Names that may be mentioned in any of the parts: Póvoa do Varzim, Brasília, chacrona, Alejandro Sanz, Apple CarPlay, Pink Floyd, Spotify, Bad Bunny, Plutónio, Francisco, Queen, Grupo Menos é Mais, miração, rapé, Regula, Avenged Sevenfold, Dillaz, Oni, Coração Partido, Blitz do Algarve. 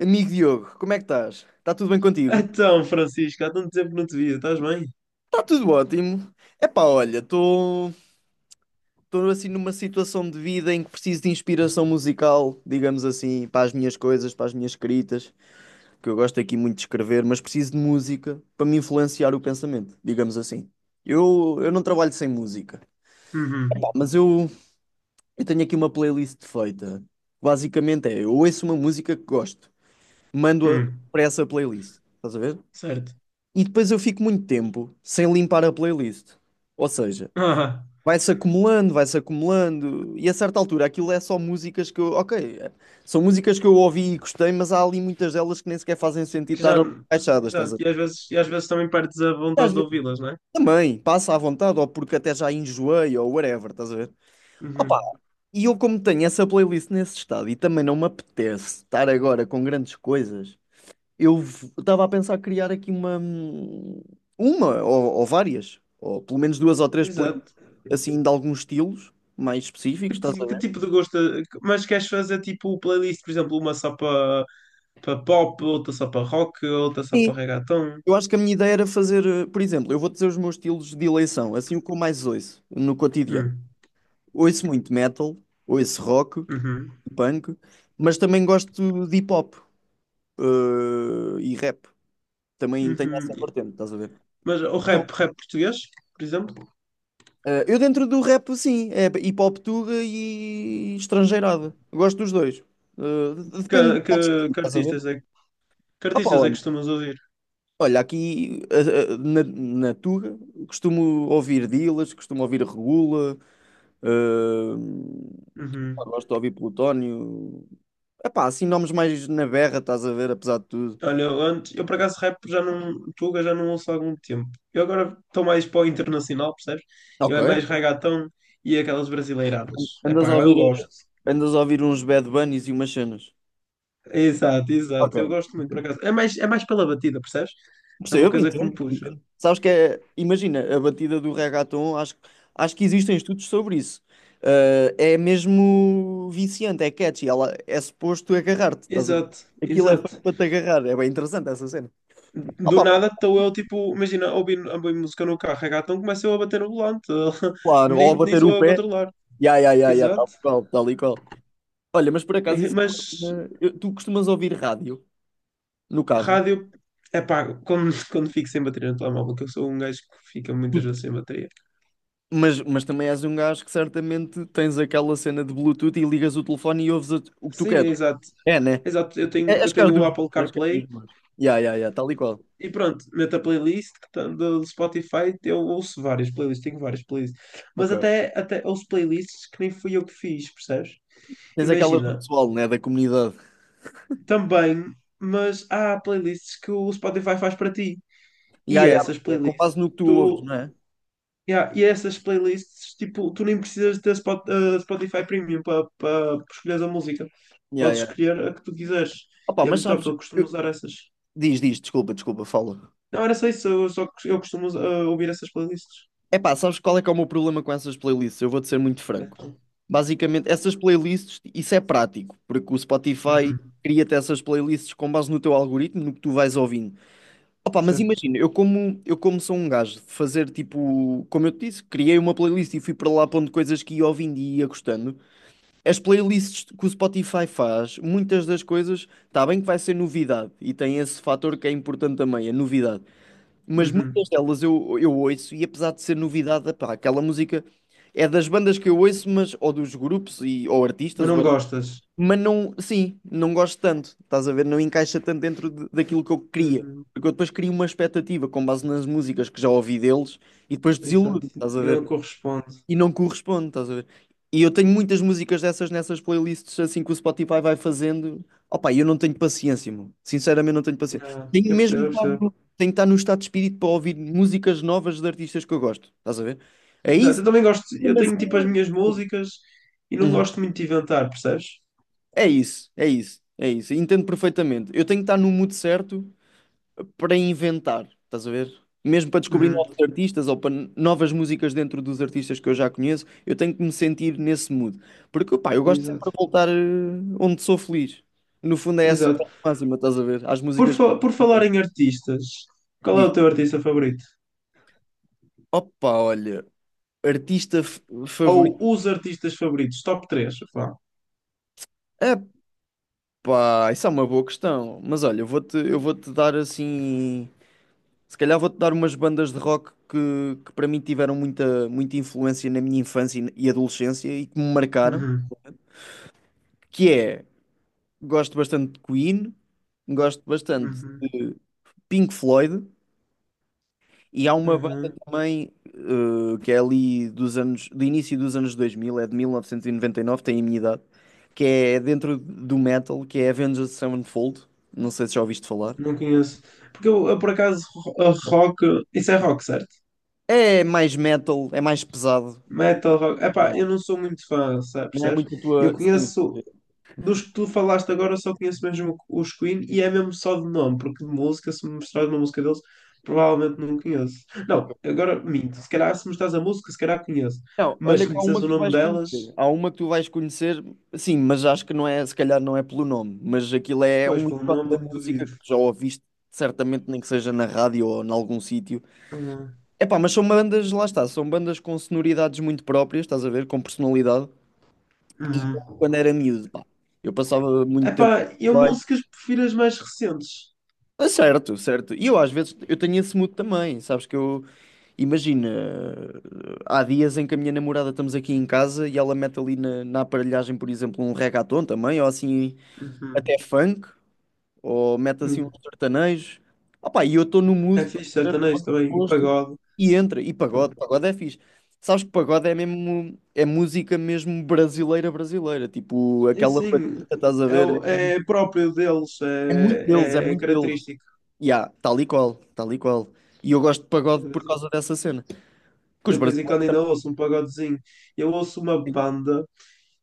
Amigo Diogo, como é que estás? Está tudo bem contigo? Então, Francisco, há tanto tempo que não te via, estás bem? Está tudo ótimo. Epá, olha, estou assim numa situação de vida em que preciso de inspiração musical, digamos assim, para as minhas coisas, para as minhas escritas, que eu gosto aqui muito de escrever, mas preciso de música para me influenciar o pensamento, digamos assim. Eu não trabalho sem música. Pá, Uhum. mas eu tenho aqui uma playlist feita. Basicamente é, eu ouço uma música que gosto, mando-a Hum. para essa playlist, estás a ver? Certo. E depois eu fico muito tempo sem limpar a playlist. Ou seja, Ah, vai-se acumulando, e a certa altura aquilo é só músicas que eu. Ok, são músicas que eu ouvi e gostei, mas há ali muitas delas que nem sequer fazem sentido que estar já. ali encaixadas, Exato. estás a E às ver? vezes, também perdes a E às vontade de vezes ouvi-las, não é? também, passa à vontade, ou porque até já enjoei, ou whatever, estás a ver? Opa, Uhum. e eu como tenho essa playlist nesse estado e também não me apetece estar agora com grandes coisas. Eu estava a pensar criar aqui uma ou várias, ou pelo menos duas ou três, Exato. assim, de alguns estilos mais Que, específicos, estás ti- a que ver? tipo de gosto? Mas queres fazer tipo playlist, por exemplo, uma só para pop, outra só para rock, outra só para Sim. reggaeton? Eu acho que a minha ideia era fazer, por exemplo, eu vou dizer os meus estilos de eleição, assim o que eu mais ouço no cotidiano. Hum. Ouço muito metal, ouço rock, Uhum. punk, mas também gosto de hip hop, e rap. Também tenho Uhum. essa vertente, estás a ver? Mas o rap, rap português, por exemplo? Ah, eu dentro do rap, sim, é hip hop tuga e estrangeirada. Eu gosto dos dois. Ah, Que, depende do que, modo de que estás a ver? artistas é, que Opa, artistas é que olha, costumas ouvir? olha, aqui na tuga costumo ouvir Dillaz, costumo ouvir Regula, ah, Uhum. gosto de ouvir Plutónio. Epá, assim nomes mais na berra, estás a ver, apesar de tudo. Olha, eu antes, eu por acaso rap já não, Tuga já não ouço há algum tempo. Eu agora estou mais para o internacional, percebes? Eu Ok. é mais reggaeton e aquelas brasileiradas. É Andas a pá, eu ouvir, gosto. andas a ouvir uns Bad Bunnies e umas cenas. Exato, Ok. exato. Eu gosto muito, por acaso. É mais pela batida, percebes? É uma Percebo, coisa que me entendo, puxa. entendo. Sabes que é, imagina, a batida do reggaeton, acho que existem estudos sobre isso. Ah, é mesmo viciante, é catchy, ela é suposto agarrar-te, estás a ver? Exato, Aquilo é feito exato. para te agarrar, é bem interessante essa cena. Do Opa, nada estou eu, tipo, imagina, a ouvir música no carro, reggaeton, começo eu a bater no volante. claro, Nem, ou nem bater sou o eu a pé, controlar. ya, ya, ya, ya, tal Exato. e qual, tal e qual. Olha, mas por acaso isso é uma Mas tu costumas ouvir rádio no carro, rádio, é pá, quando, quando fico sem bateria no telemóvel, que eu sou um gajo que fica muitas Tu- vezes sem bateria. mas também és um gajo que certamente tens aquela cena de Bluetooth e ligas o telefone e ouves o que tu Sim, é queres. exato. É, né? É exato, eu tenho, eu Acho que é os tenho o dos meus. Apple Acho que é os CarPlay dos meus. Ya, ya, ya, tal e qual. e pronto, meto a playlist que tá do Spotify, eu ouço várias playlists, tenho várias playlists. Mas Ok. até ouço playlists que nem fui eu que fiz, percebes? Tens aquelas do Imagina, pessoal, né? Da comunidade. também, mas há playlists que o Spotify faz para ti. E Ya, ya, essas é com playlists, base no que tu ouves, tu não é? yeah, e é essas playlists, tipo, tu nem precisas ter Spotify Premium para escolher a música. Ya, Podes ya. escolher a que tu quiseres. Opa, E é mas muito top, sabes. eu costumo usar essas. Diz, diz, desculpa, desculpa, fala. Não, era só isso, eu costumo ouvir essas playlists. É pá, sabes qual é que é o meu problema com essas playlists? Eu vou-te ser muito franco. Então, Basicamente, essas playlists, isso é prático, porque o Spotify uhum, cria-te essas playlists com base no teu algoritmo, no que tu vais ouvindo. Opa, mas certo. imagina, eu como sou um gajo de fazer tipo, como eu te disse, criei uma playlist e fui para lá pondo coisas que ia ouvindo e ia gostando. As playlists que o Spotify faz, muitas das coisas, está bem que vai ser novidade e tem esse fator que é importante também, a novidade. Mas muitas Uhum. delas eu ouço e apesar de ser novidade, epá, aquela música é das bandas que eu ouço, mas ou dos grupos ou Mas artistas, não gostas. mas não, sim, não gosto tanto, estás a ver? Não encaixa tanto dentro daquilo que eu queria. Uhum, Porque eu depois crio uma expectativa com base nas músicas que já ouvi deles e depois desiludo, exato. estás a E não ver? corresponde. E não corresponde, estás a ver? E eu tenho muitas músicas dessas nessas playlists assim que o Spotify vai fazendo. Opa, eu não tenho paciência, meu. Sinceramente, não tenho paciência. Yeah, Tenho eu mesmo que percebo, eu estar, percebo. no- tenho que estar no estado de espírito para ouvir músicas novas de artistas que eu gosto, estás a ver? É Exato, isso. eu também gosto, eu Mesmo tenho assim, tipo as minhas não. músicas e não Uhum. gosto muito de inventar, percebes? É isso, é isso, é isso. Entendo perfeitamente. Eu tenho que estar no mood certo para inventar, estás a ver? Mesmo para descobrir Uhum, novos artistas ou para novas músicas dentro dos artistas que eu já conheço, eu tenho que me sentir nesse mood. Porque, pá, eu gosto exato. sempre de voltar onde sou feliz. No fundo é essa Exato. a máxima, estás a ver? Às Por, músicas que por falar em artistas, qual é diz, o teu artista favorito? opa, olha, artista f- Ou favorito. os artistas favoritos, top três vá. Epá, isso é uma boa questão. Mas olha, eu vou-te dar assim. Se calhar vou-te dar umas bandas de rock que para mim tiveram muita, muita influência na minha infância e adolescência e que me marcaram, Uhum, que é, gosto bastante de Queen, gosto bastante uhum, de Pink Floyd e há uma banda uhum. também que é ali dos anos, do início dos anos 2000, é de 1999, tem a minha idade, que é dentro do metal, que é Avenged Sevenfold, não sei se já ouviste falar. Não conheço. Porque eu por acaso, ro- a rock. Isso é rock, certo? É mais metal, é mais pesado. Metal rock. Epá, Yeah. eu não sou muito fã, sabe, Não é percebes? muito a Eu tua... Sim, sim. conheço, sim. dos que tu falaste agora, eu só conheço mesmo os Queen e é mesmo só de nome, porque de música, se me mostrares uma música deles, provavelmente não conheço. Ok. Não, agora minto. Se calhar, se me mostrares a música, se calhar conheço. Não, Mas olha se que me há uma disseres que o tu nome vais delas, conhecer. Há uma que tu vais conhecer, sim, mas acho que não é, se calhar não é pelo nome, mas aquilo é pois, um pelo ícone da nome, música duvido. que já ouviste, certamente nem que seja na rádio ou em algum sítio. Uhum. Epá, mas são bandas, lá está, são bandas com sonoridades muito próprias, estás a ver, com personalidade. E Uhum. quando era miúdo, pá, eu passava muito tempo. Epá, eu músicas prefiro as mais recentes. Ah, certo, certo. E eu às vezes eu tenho esse mood também, sabes que eu imagina, há dias em que a minha namorada estamos aqui em casa e ela mete ali na aparelhagem, por exemplo, um reggaeton também, ou assim Uhum. até funk, ou mete assim um Hum. sertanejo. Opá, e eu estou no É mood, estás fixe a ver? Estou sertanejo no também, e posto, pagode. e entra, e Então, pagode, pagode é fixe. Sabes que pagode é mesmo, é música mesmo brasileira brasileira, tipo e aquela assim, batida, estás a é, ver? É próprio deles, É muito deles, é é, é muito deles. característico. Yeah, tal e qual, tal e qual. E eu gosto de Eu pagode de por vez em causa dessa cena. Porque eu os de vez em quando brasileiros ainda também. ouço um pagodezinho. Eu ouço uma banda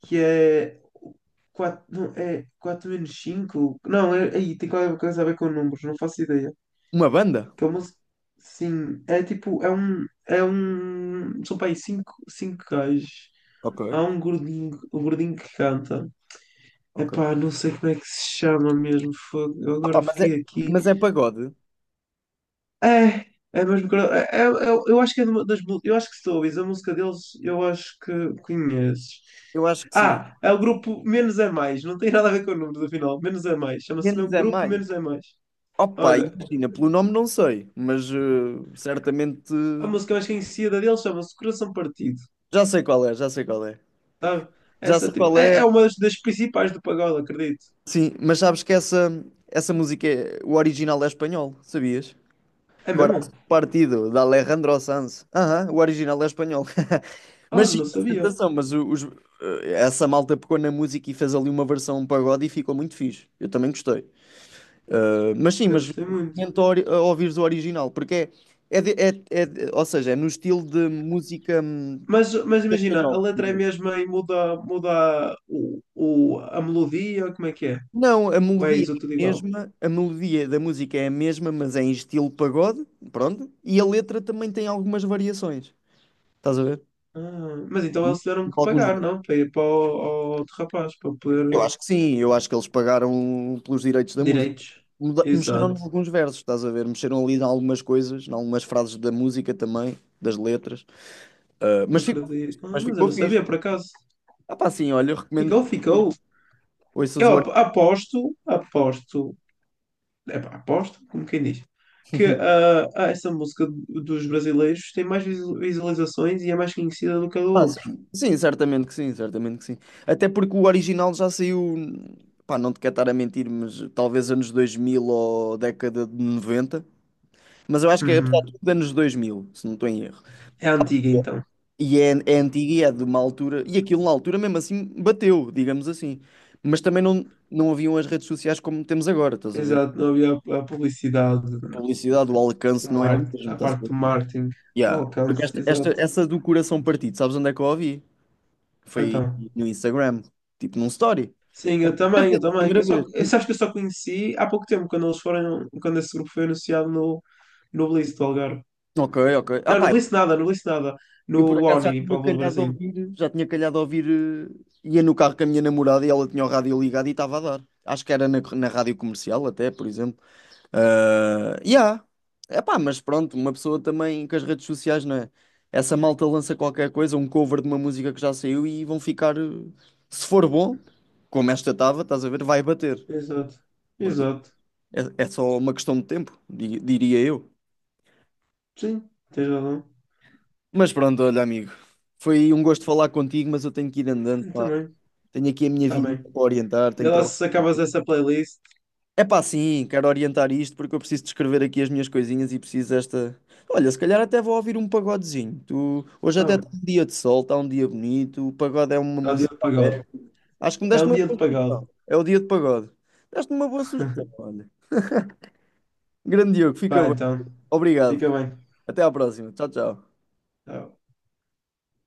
que é 4 não, é 4 menos cinco. Não, é, aí tem qualquer coisa a ver com números, não faço ideia. Uma banda? Que é uma, sim, é tipo, são para aí 5 5 gajos. Ok, Há um gordinho que canta. ok. Epá, não sei como é que se chama mesmo, fogo. Eu Ah, pá, agora fiquei aqui. mas é pagode? É, é mesmo. Eu acho que é de uma das. Eu acho que se a música deles, eu acho que conheces. Eu acho que sim. Ah, é o grupo Menos é Mais. Não tem nada a ver com números, afinal. Menos é Mais. Chama-se Menos mesmo é Grupo mais. Menos é Mais. Opa, Olha, imagina, pelo nome não sei, mas certamente a música mais conhecida deles chama-se Coração Partido. já sei qual é, já sei qual é. Sabe? Já sei Essa tipo. qual É, é, é uma das principais do pagode, acredito. sim, mas sabes que essa música, é, o original é espanhol, sabias? É mesmo? Coração Partido, de Alejandro Sanz. Aham, o original é espanhol. Ah, Mas sim, não sabia. apresentação, mas essa malta pegou na música e fez ali uma versão um pagode e ficou muito fixe. Eu também gostei. Eh, mas sim, Eu mas gostei muito. recomendo a ouvires o original, porque é, é, ou seja, é no estilo de música Mas imagina, a espanhol, letra é digamos. mesmo e muda, muda a melodia, como é que é? Não, a Ou é melodia isso tudo é a igual? mesma, a melodia da música é a mesma, mas é em estilo pagode, pronto, e a letra também tem algumas variações. Estás a ver? Ah, mas então eles tiveram que Alguns pagar, não? Para ir para o, outro rapaz, para eu poder. acho que sim, eu acho que eles pagaram pelos direitos da música. Direitos. Mexeram em Exato. alguns versos, estás a ver? Mexeram ali em algumas coisas, em algumas frases da música também, das letras. Ah, mas ficou, Acredito. Ah, mas mas eu não ficou sabia, fixe. por acaso. Ah, pá, sim, olha, eu recomendo Ficou, que ficou. ouças o original. Aposto. Epá, aposto, como quem diz. Essa música dos brasileiros tem mais visualizações e é mais conhecida do que a do Ah, outro. sim. Sim, certamente que sim, certamente que sim. Até porque o original já saiu, pá, não te quero estar a mentir, mas talvez anos 2000 ou década de 90. Mas eu acho que é apesar de Uhum. tudo anos 2000, se não estou em erro. É antiga, então. E é, é antiga e é de uma altura. E aquilo na altura mesmo assim bateu, digamos assim. Mas também não haviam as redes sociais como temos agora, estás a ver? Exato, não havia a publicidade. A publicidade, o O alcance não é o mar- mesmo, a estás a parte ver? do marketing, o Yeah. Porque alcance, exato. essa do coração partido, sabes onde é que eu a ouvi? Foi Então, no Instagram, tipo num story. sim, É eu a primeira também, eu vez. É a também. primeira vez. Sabes que eu só conheci há pouco tempo, quando esse grupo foi anunciado no, no Blitz do Algarve. Ok, ok. Ah, Não, no pá, Blitz nada, no Blitz nada. eu por No acaso Oni, em Póvoa do Varzim. Já tinha calhado a ouvir, ia no carro com a minha namorada e ela tinha o rádio ligado e estava a dar. Acho que era na rádio comercial até, por exemplo. Ah, yeah. Epá, mas pronto, uma pessoa também com as redes sociais, não é? Essa malta lança qualquer coisa, um cover de uma música que já saiu e vão ficar, se for bom, como esta estava, estás a ver, vai bater. Exato, Portanto, exato. é, é só uma questão de tempo, diria eu. Sim, tens razão. Mas pronto, olha, amigo, foi um gosto falar contigo, mas eu tenho que ir andando, Eu pá. também, Tenho aqui a minha tá vida bem. para orientar, Vê tenho lá trabalho. se acabas essa playlist. É pá, sim, quero orientar isto porque eu preciso de escrever aqui as minhas coisinhas e preciso desta. Olha, se calhar até vou ouvir um pagodezinho. Tu... Hoje até Oh, está um dia de sol, está um dia bonito. O pagode é uma está dia música. de pagode. Acho que me É deste um uma dia de boa pagode. sugestão. É o dia de pagode. Deste-me uma boa sugestão, olha. Grande Diogo, fica Vai bem. então, Obrigado. fica bem. Até à próxima. Tchau, tchau. Tchau.